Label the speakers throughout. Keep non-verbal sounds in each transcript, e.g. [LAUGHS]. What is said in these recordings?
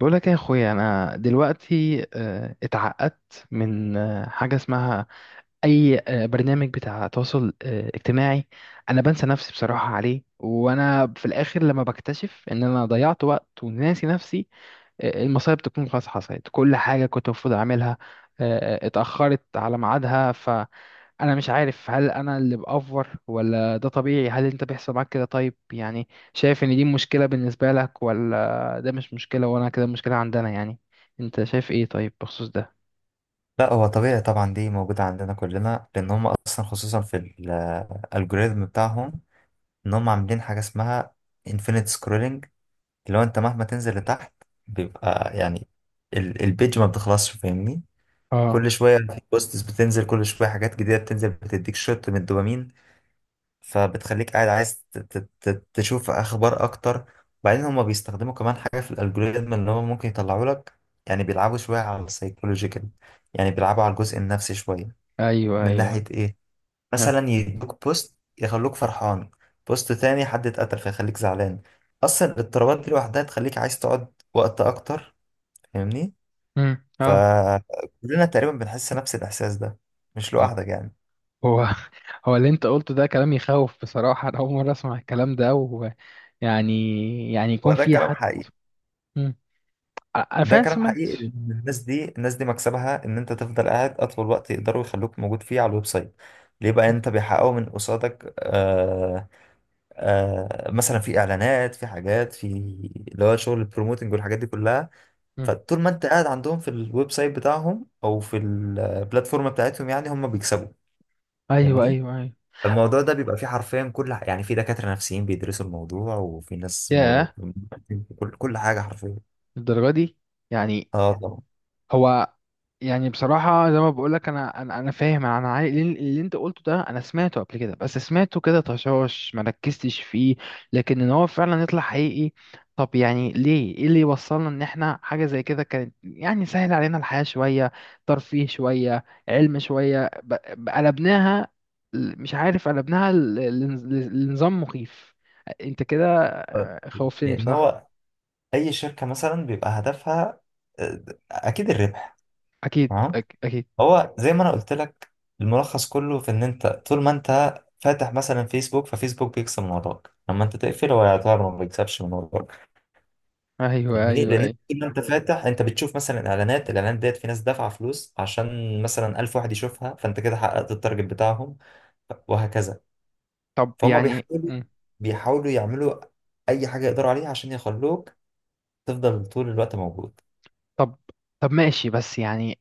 Speaker 1: بقول لك إيه يا اخويا، انا دلوقتي اتعقدت من حاجه اسمها اي برنامج بتاع تواصل اجتماعي. انا بنسى نفسي بصراحه عليه، وانا في الاخر لما بكتشف ان انا ضيعت وقت وناسي نفسي المصايب تكون خلاص حصلت. كل حاجه كنت المفروض اعملها اتاخرت على ميعادها. انا مش عارف، هل انا اللي بأفور ولا ده طبيعي؟ هل انت بيحصل معاك كده؟ طيب يعني شايف ان دي مشكلة بالنسبة لك ولا ده مش مشكلة وانا كده مشكلة عندنا يعني؟ انت شايف ايه طيب بخصوص ده؟
Speaker 2: لا، هو طبيعي طبعا. دي موجودة عندنا كلنا، لأن هم أصلا خصوصا في الألجوريزم بتاعهم، إن هم عاملين حاجة اسمها infinite scrolling اللي هو أنت مهما تنزل لتحت بيبقى البيج ما بتخلصش، فاهمني؟
Speaker 1: اه.
Speaker 2: كل شوية في بوستس بتنزل، كل شوية حاجات جديدة بتنزل، بتديك شوت من الدوبامين، فبتخليك قاعد عايز تشوف أخبار أكتر. وبعدين هم بيستخدموا كمان حاجة في الألجوريزم اللي هم ممكن يطلعوا لك، يعني بيلعبوا شوية على السايكولوجي كده، يعني بيلعبوا على الجزء النفسي شوية.
Speaker 1: ايوه
Speaker 2: من ناحية
Speaker 1: ايوه.
Speaker 2: إيه؟
Speaker 1: اه.
Speaker 2: مثلا يدوك بوست يخلوك فرحان، بوست تاني حد اتقتل فيخليك زعلان. أصلا الاضطرابات دي لوحدها تخليك عايز تقعد وقت أكتر، فاهمني؟
Speaker 1: اه.
Speaker 2: فكلنا تقريبا بنحس نفس الإحساس ده، مش
Speaker 1: اه.
Speaker 2: لوحدك يعني.
Speaker 1: هو [LAUGHS] هو اللي انت قلته ده كلام يخوف بصراحة. انا اول مرة اسمع الكلام ده، ويعني يعني
Speaker 2: هو
Speaker 1: يكون
Speaker 2: ده
Speaker 1: في
Speaker 2: كلام
Speaker 1: حد.
Speaker 2: حقيقي.
Speaker 1: مم. انا
Speaker 2: ده
Speaker 1: فعلا
Speaker 2: كلام
Speaker 1: سمعت.
Speaker 2: حقيقي، لأن الناس دي، الناس دي مكسبها إن أنت تفضل قاعد أطول وقت، يقدروا يخلوك موجود فيه على الويب سايت. ليه بقى؟
Speaker 1: مم.
Speaker 2: أنت بيحققوا من قصادك. آه، آه، مثلا في إعلانات، في حاجات، في اللي هو شغل البروموتنج والحاجات دي كلها.
Speaker 1: مم.
Speaker 2: فطول ما انت قاعد عندهم في الويب سايت بتاعهم او في البلاتفورم بتاعتهم يعني هم بيكسبوا،
Speaker 1: ايوه
Speaker 2: فاهمني.
Speaker 1: ايوه ايوه.
Speaker 2: الموضوع ده بيبقى فيه حرفيا يعني في دكاترة نفسيين بيدرسوا الموضوع، وفي ناس
Speaker 1: ياه.
Speaker 2: كل حاجة حرفيا.
Speaker 1: الدرجة دي؟ يعني.
Speaker 2: اه طبعا.
Speaker 1: هو يعني بصراحة زي ما بقولك، أنا فاهم. أنا عاي... اللي أنت قلته ده أنا سمعته قبل كده، بس سمعته كده طشاش، مركزتش فيه. لكن إن هو فعلا يطلع حقيقي! طب يعني ليه؟ إيه اللي يوصلنا إن إحنا حاجة زي كده كانت يعني سهل علينا الحياة شوية، ترفيه شوية، علم شوية، ب... قلبناها، مش عارف، قلبناها ل... ل... لنظام مخيف. أنت كده خوفتني
Speaker 2: لان
Speaker 1: بصراحة.
Speaker 2: هو اي شركة مثلا بيبقى هدفها، آه، اكيد الربح.
Speaker 1: أكيد،
Speaker 2: تمام.
Speaker 1: أك... أكيد.
Speaker 2: هو زي ما انا قلت لك، الملخص كله في ان انت طول ما انت فاتح مثلا فيسبوك، ففيسبوك بيكسب من وراك. لما انت تقفل هو يعتبر ما بيكسبش من وراك،
Speaker 1: أيوه أيوه
Speaker 2: فاهمني. لان انت
Speaker 1: أيوه.
Speaker 2: طول ما انت فاتح انت بتشوف مثلا اعلانات، الاعلانات ديت في ناس دافعه فلوس عشان مثلا 1000 واحد يشوفها، فانت كده حققت التارجت بتاعهم، وهكذا.
Speaker 1: طب
Speaker 2: فهم
Speaker 1: يعني.
Speaker 2: بيحاولوا، بيحاولوا يعملوا اي حاجه يقدروا عليها عشان يخلوك تفضل طول الوقت موجود.
Speaker 1: طب طب ماشي، بس يعني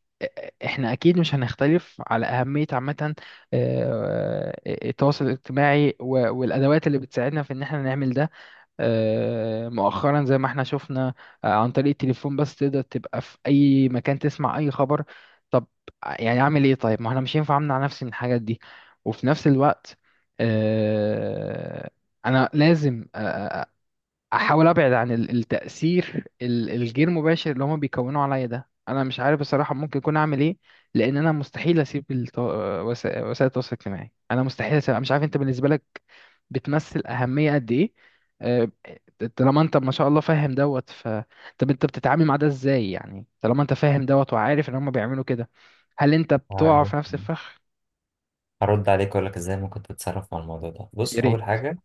Speaker 1: احنا اكيد مش هنختلف على اهمية عامة التواصل الاجتماعي، والادوات اللي بتساعدنا في ان احنا نعمل ده. مؤخرا زي ما احنا شفنا عن طريق التليفون بس تقدر تبقى في اي مكان، تسمع اي خبر. طب يعني اعمل ايه طيب؟ ما احنا مش ينفع امنع نفسي من الحاجات دي، وفي نفس الوقت آه، انا لازم احاول ابعد عن التاثير الغير مباشر اللي هما بيكونوا عليا ده. انا مش عارف بصراحه ممكن اكون اعمل ايه. لان انا مستحيل اسيب وسائل التواصل الاجتماعي. انا مستحيل اسيب. أنا مش عارف انت بالنسبه لك بتمثل اهميه قد ايه؟ أه، طالما انت ما شاء الله فاهم دوت، ف طب انت بتتعامل مع ده ازاي يعني؟ طالما انت فاهم دوت وعارف ان هما بيعملوا كده، هل انت بتقع في نفس الفخ؟
Speaker 2: هرد عليك واقول لك ازاي ممكن تتصرف مع الموضوع ده.
Speaker 1: يا
Speaker 2: بص،
Speaker 1: ريت،
Speaker 2: اول حاجه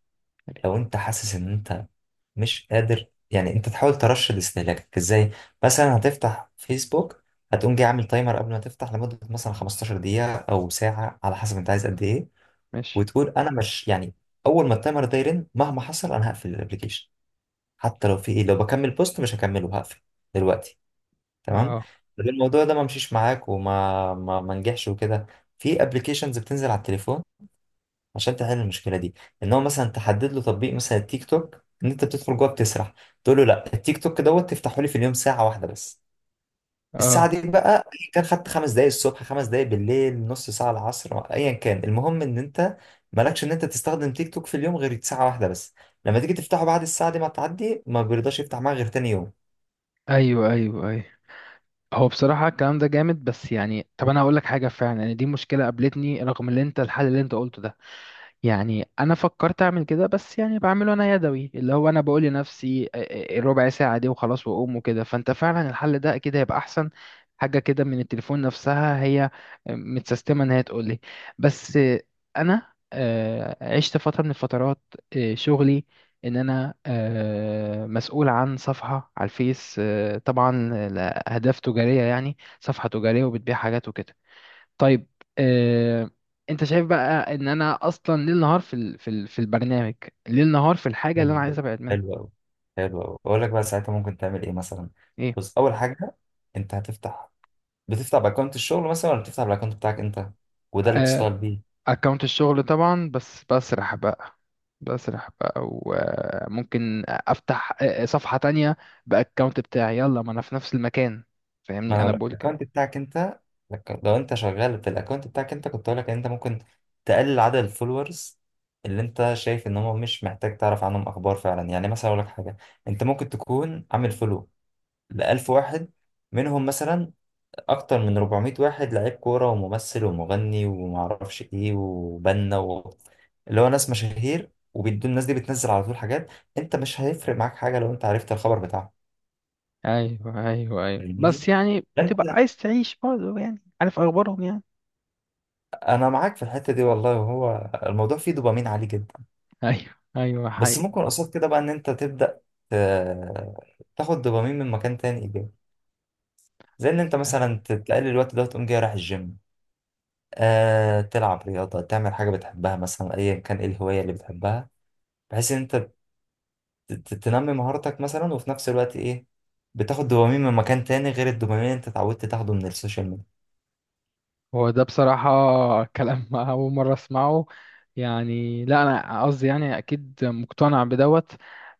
Speaker 1: يا ريت.
Speaker 2: لو انت حاسس ان انت مش قادر يعني، انت تحاول ترشد استهلاكك ازاي؟ مثلا هتفتح فيسبوك، هتقوم جاي عامل تايمر قبل ما تفتح لمدة مثلا 15 دقيقة او ساعة على حسب انت عايز قد ايه،
Speaker 1: ماشي.
Speaker 2: وتقول انا مش يعني، اول ما التايمر ده يرن مهما حصل انا هقفل الابليكيشن. حتى لو في ايه، لو بكمل بوست مش هكمله، هقفل دلوقتي. تمام.
Speaker 1: اه.
Speaker 2: لو الموضوع ده ما مشيش معاك وما ما ما نجحش وكده، في ابلكيشنز بتنزل على التليفون عشان تحل المشكله دي. ان هو مثلا تحدد له تطبيق، مثلا التيك توك ان انت بتدخل جوه بتسرح، تقول له لا، التيك توك دوت تفتحه لي في اليوم ساعه واحده بس. الساعه
Speaker 1: اه.
Speaker 2: دي بقى أيا كان، خدت خمس دقايق الصبح، خمس دقايق بالليل، نص ساعه العصر، ايا كان، المهم ان انت مالكش ان انت تستخدم تيك توك في اليوم غير ساعه واحده بس. لما تيجي تفتحه بعد الساعه دي ما تعدي، ما بيرضاش يفتح معاك غير تاني يوم.
Speaker 1: ايوه ايوه ايوه. هو بصراحة الكلام ده جامد. بس يعني طب أنا هقول لك حاجة فعلا، يعني دي مشكلة قابلتني رغم اللي أنت... الحل اللي أنت قلته ده، يعني انا فكرت اعمل كده، بس يعني بعمله انا يدوي. اللي هو انا بقول لنفسي الربع ساعه دي وخلاص واقوم وكده. فانت فعلا الحل ده اكيد هيبقى احسن، حاجه كده من التليفون نفسها هي متسيستمه ان هي تقول لي. بس انا عشت فتره من الفترات شغلي، ان انا مسؤول عن صفحه على الفيس طبعا لاهداف تجاريه، يعني صفحه تجاريه وبتبيع حاجات وكده. طيب آه، انت شايف بقى ان انا اصلا ليل نهار في ال... في ال... في البرنامج. ليل نهار في الحاجه اللي انا
Speaker 2: حلو
Speaker 1: عايز
Speaker 2: أوي،
Speaker 1: ابعد منها.
Speaker 2: حلو أوي، حلو أوي. أقول لك بقى ساعتها ممكن تعمل إيه مثلا.
Speaker 1: ايه.
Speaker 2: بص، أول حاجة أنت هتفتح، بتفتح باكونت الشغل مثلا ولا بتفتح بالاكونت بتاعك انت، وده اللي بتشتغل
Speaker 1: آه،
Speaker 2: بيه.
Speaker 1: اكونت الشغل طبعا، بس بسرح بقى. بسرح بقى، وممكن افتح صفحه تانية، باكونت بتاعي، يلا ما انا في نفس المكان.
Speaker 2: ما
Speaker 1: فاهمني؟
Speaker 2: انا
Speaker 1: انا
Speaker 2: لو
Speaker 1: بقول كده.
Speaker 2: الاكونت بتاعك انت، لو انت شغال بالاكونت بتاعك انت، كنت اقول لك ان انت ممكن تقلل عدد الفولورز اللي انت شايف ان هم مش محتاج تعرف عنهم اخبار فعلا. يعني مثلا اقول لك حاجه، انت ممكن تكون عامل فولو ل 1000 واحد، منهم مثلا اكتر من 400 واحد لعيب كوره وممثل ومغني ومعرفش ايه وبنا اللي هو ناس مشاهير، وبيدوا الناس دي بتنزل على طول حاجات. انت مش هيفرق معاك حاجه لو انت عرفت الخبر بتاعها،
Speaker 1: ايوه ايوه ايوه،
Speaker 2: فاهمني.
Speaker 1: بس يعني
Speaker 2: انت
Speaker 1: بتبقى
Speaker 2: [LAUGHS]
Speaker 1: عايز تعيش برضه، يعني عارف اخبارهم يعني.
Speaker 2: انا معاك في الحته دي والله، هو الموضوع فيه دوبامين عالي جدا.
Speaker 1: [LAUGHS] ايوه ايوه،
Speaker 2: بس
Speaker 1: حقيقي.
Speaker 2: ممكن قصاد كده بقى ان انت تبدا ت- تاخد دوبامين من مكان تاني ايجابي، زي ان انت مثلا تقلل الوقت ده وتقوم جاي رايح الجيم، آه، تلعب رياضه، تعمل حاجه بتحبها، مثلا ايا كان ايه الهوايه اللي بتحبها، بحيث ان انت تنمي مهارتك مثلا، وفي نفس الوقت ايه، بتاخد دوبامين من مكان تاني غير الدوبامين اللي انت اتعودت تاخده من السوشيال ميديا.
Speaker 1: هو ده بصراحة كلام [LAUGHS] أول مرة أسمعه. يعني لا، أنا قصدي يعني أكيد مقتنع بدوت.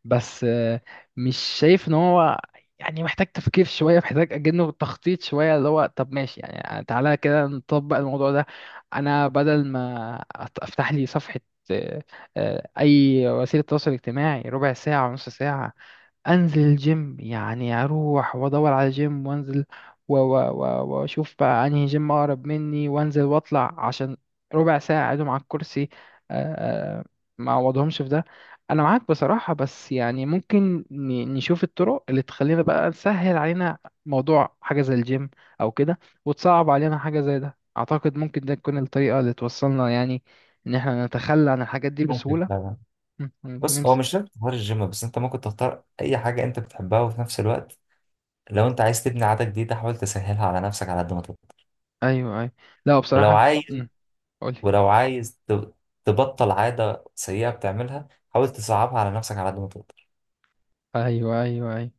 Speaker 1: بس مش شايف إن هو يعني محتاج تفكير شوية، محتاج أجنه تخطيط شوية. اللي هو طب ماشي، يعني تعالى كده نطبق الموضوع ده. أنا بدل ما أفتح لي صفحة آه، أي وسيلة تواصل اجتماعي ربع ساعة ونص ساعة، انزل الجيم، يعني اروح وادور على جيم وانزل، واشوف بقى انهي جيم اقرب مني، وانزل واطلع عشان ربع ساعة اقعدهم على الكرسي آه، آه، ما اعوضهمش في ده. انا معاك بصراحة، بس يعني ممكن نشوف الطرق اللي تخلينا بقى تسهل علينا موضوع حاجة زي الجيم او كده، وتصعب علينا حاجة زي ده. اعتقد ممكن ده تكون الطريقة اللي توصلنا يعني ان احنا نتخلى عن الحاجات دي
Speaker 2: ممكن
Speaker 1: بسهولة.
Speaker 2: فعلا. بص هو
Speaker 1: نمسك.
Speaker 2: مش لازم تختار الجيم بس، انت ممكن تختار اي حاجة انت بتحبها، وفي نفس الوقت لو انت عايز تبني عادة جديدة حاول تسهلها على نفسك على قد ما تقدر.
Speaker 1: ايوه ايوه. لا
Speaker 2: ولو
Speaker 1: بصراحة.
Speaker 2: عايز
Speaker 1: قولي.
Speaker 2: ولو عايز تبطل عادة سيئة بتعملها، حاول تصعبها على نفسك على قد ما تقدر.
Speaker 1: ايوه ايوه ايوه.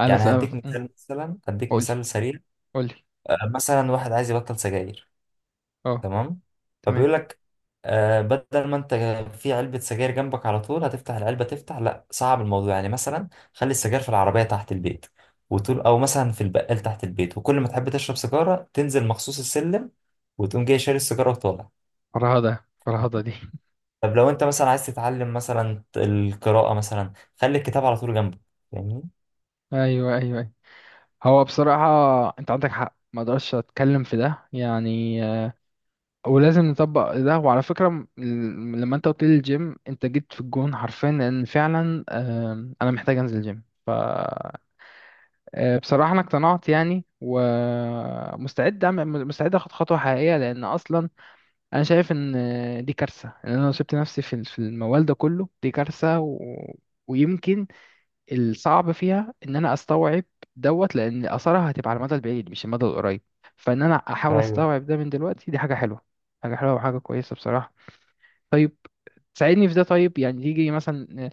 Speaker 1: انا
Speaker 2: يعني
Speaker 1: سأف...
Speaker 2: هديك
Speaker 1: أم.
Speaker 2: مثال، مثلا هديك
Speaker 1: قولي،
Speaker 2: مثال سريع.
Speaker 1: قولي.
Speaker 2: آه، مثلا واحد عايز يبطل سجاير،
Speaker 1: اه.
Speaker 2: تمام؟
Speaker 1: تمام.
Speaker 2: فبيقول لك آه، بدل ما انت في علبة سجاير جنبك على طول هتفتح العلبة، تفتح، لا، صعب الموضوع. يعني مثلا خلي السجاير في العربية تحت البيت، وتقول او مثلا في البقال تحت البيت، وكل ما تحب تشرب سيجارة تنزل مخصوص السلم وتقوم جاي شاري السيجارة وطالع.
Speaker 1: فرهدة، فرهدة دي.
Speaker 2: طب لو انت مثلا عايز تتعلم مثلا القراءة مثلا، خلي الكتاب على طول جنبك، فاهمني.
Speaker 1: [LAUGHS] ايوه ايوه ايوه. هو بصراحة انت عندك حق، ما اقدرش اتكلم في ده يعني ولازم نطبق ده. وعلى فكرة لما انت قلت لي الجيم، انت جيت في الجون حرفيا، لان فعلا انا محتاج انزل الجيم. ف بصراحة انا اقتنعت يعني، ومستعد اعمل، مستعد اخد خطوة حقيقية. لان اصلا انا شايف ان دي كارثه، ان انا لو سبت نفسي في الموال ده كله دي كارثه. و... ويمكن الصعب فيها ان انا استوعب دوت، لان اثرها هتبقى على المدى البعيد مش المدى القريب. فان انا احاول
Speaker 2: ايوه،
Speaker 1: استوعب ده من دلوقتي، دي حاجه حلوه. حاجه حلوه وحاجه كويسه بصراحه. طيب، ساعدني في ده طيب. يعني تيجي مثلا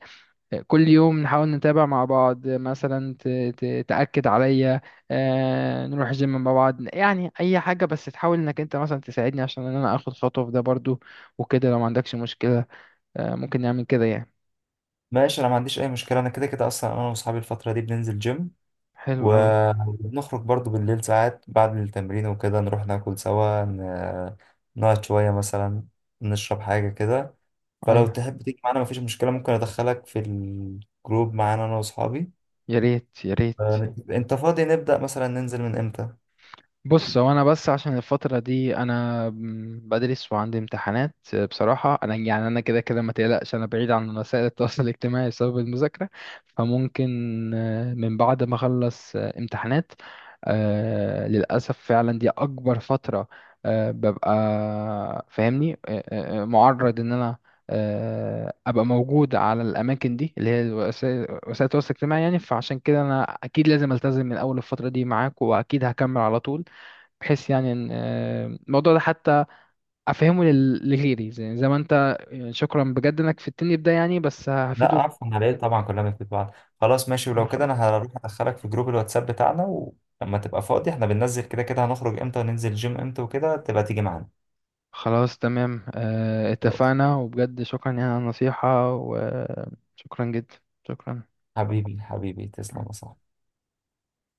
Speaker 1: كل يوم نحاول نتابع مع بعض، مثلا تأكد عليا نروح جيم مع بعض، يعني أي حاجة، بس تحاول إنك أنت مثلا تساعدني عشان إن أنا آخد خطوة في ده برضو. وكده لو ما عندكش مشكلة ممكن نعمل كده يعني.
Speaker 2: ماشي. انا ما عنديش اي مشكلة، انا كده كده اصلا انا واصحابي الفترة دي بننزل جيم،
Speaker 1: حلو أوي.
Speaker 2: ونخرج برضو بالليل ساعات بعد التمرين وكده، نروح ناكل سوا، نقعد شوية مثلا، نشرب حاجة كده. فلو
Speaker 1: أيوة.
Speaker 2: تحب تيجي معانا مفيش مشكلة، ممكن أدخلك في الجروب معانا أنا وأصحابي.
Speaker 1: يا ريت، يا ريت.
Speaker 2: آه، أنت فاضي نبدأ مثلا ننزل من إمتى؟
Speaker 1: بص، هو انا بس عشان الفترة دي انا بدرس وعندي امتحانات. بصراحة انا يعني انا كده كده ما تقلقش، انا بعيد عن وسائل التواصل الاجتماعي بسبب المذاكرة. فممكن من بعد ما اخلص امتحانات. للأسف فعلا دي اكبر فترة ببقى، فاهمني، معرض ان انا ابقى موجود على الاماكن دي اللي هي وسائل التواصل الاجتماعي يعني. فعشان كده انا اكيد لازم التزم من اول الفترة دي معاك، واكيد هكمل على طول، بحيث يعني ان الموضوع ده حتى افهمه لغيري، زي ما انت، يعني شكرا بجد انك فدتني بده، يعني بس
Speaker 2: لا،
Speaker 1: هفيده.
Speaker 2: عفوا، على إيه؟
Speaker 1: مم.
Speaker 2: طبعا كلنا في بعض. خلاص، ماشي،
Speaker 1: الله
Speaker 2: ولو كده
Speaker 1: يخليك.
Speaker 2: أنا هروح أدخلك في جروب الواتساب بتاعنا، ولما تبقى فاضي إحنا بننزل كده كده، هنخرج إمتى وننزل جيم إمتى وكده تبقى تيجي معانا.
Speaker 1: خلاص تمام،
Speaker 2: خلاص.
Speaker 1: اتفقنا، وبجد شكرا يعني على النصيحة، وشكرا جدا. شكرا.
Speaker 2: حبيبي، حبيبي، تسلم يا صاحبي.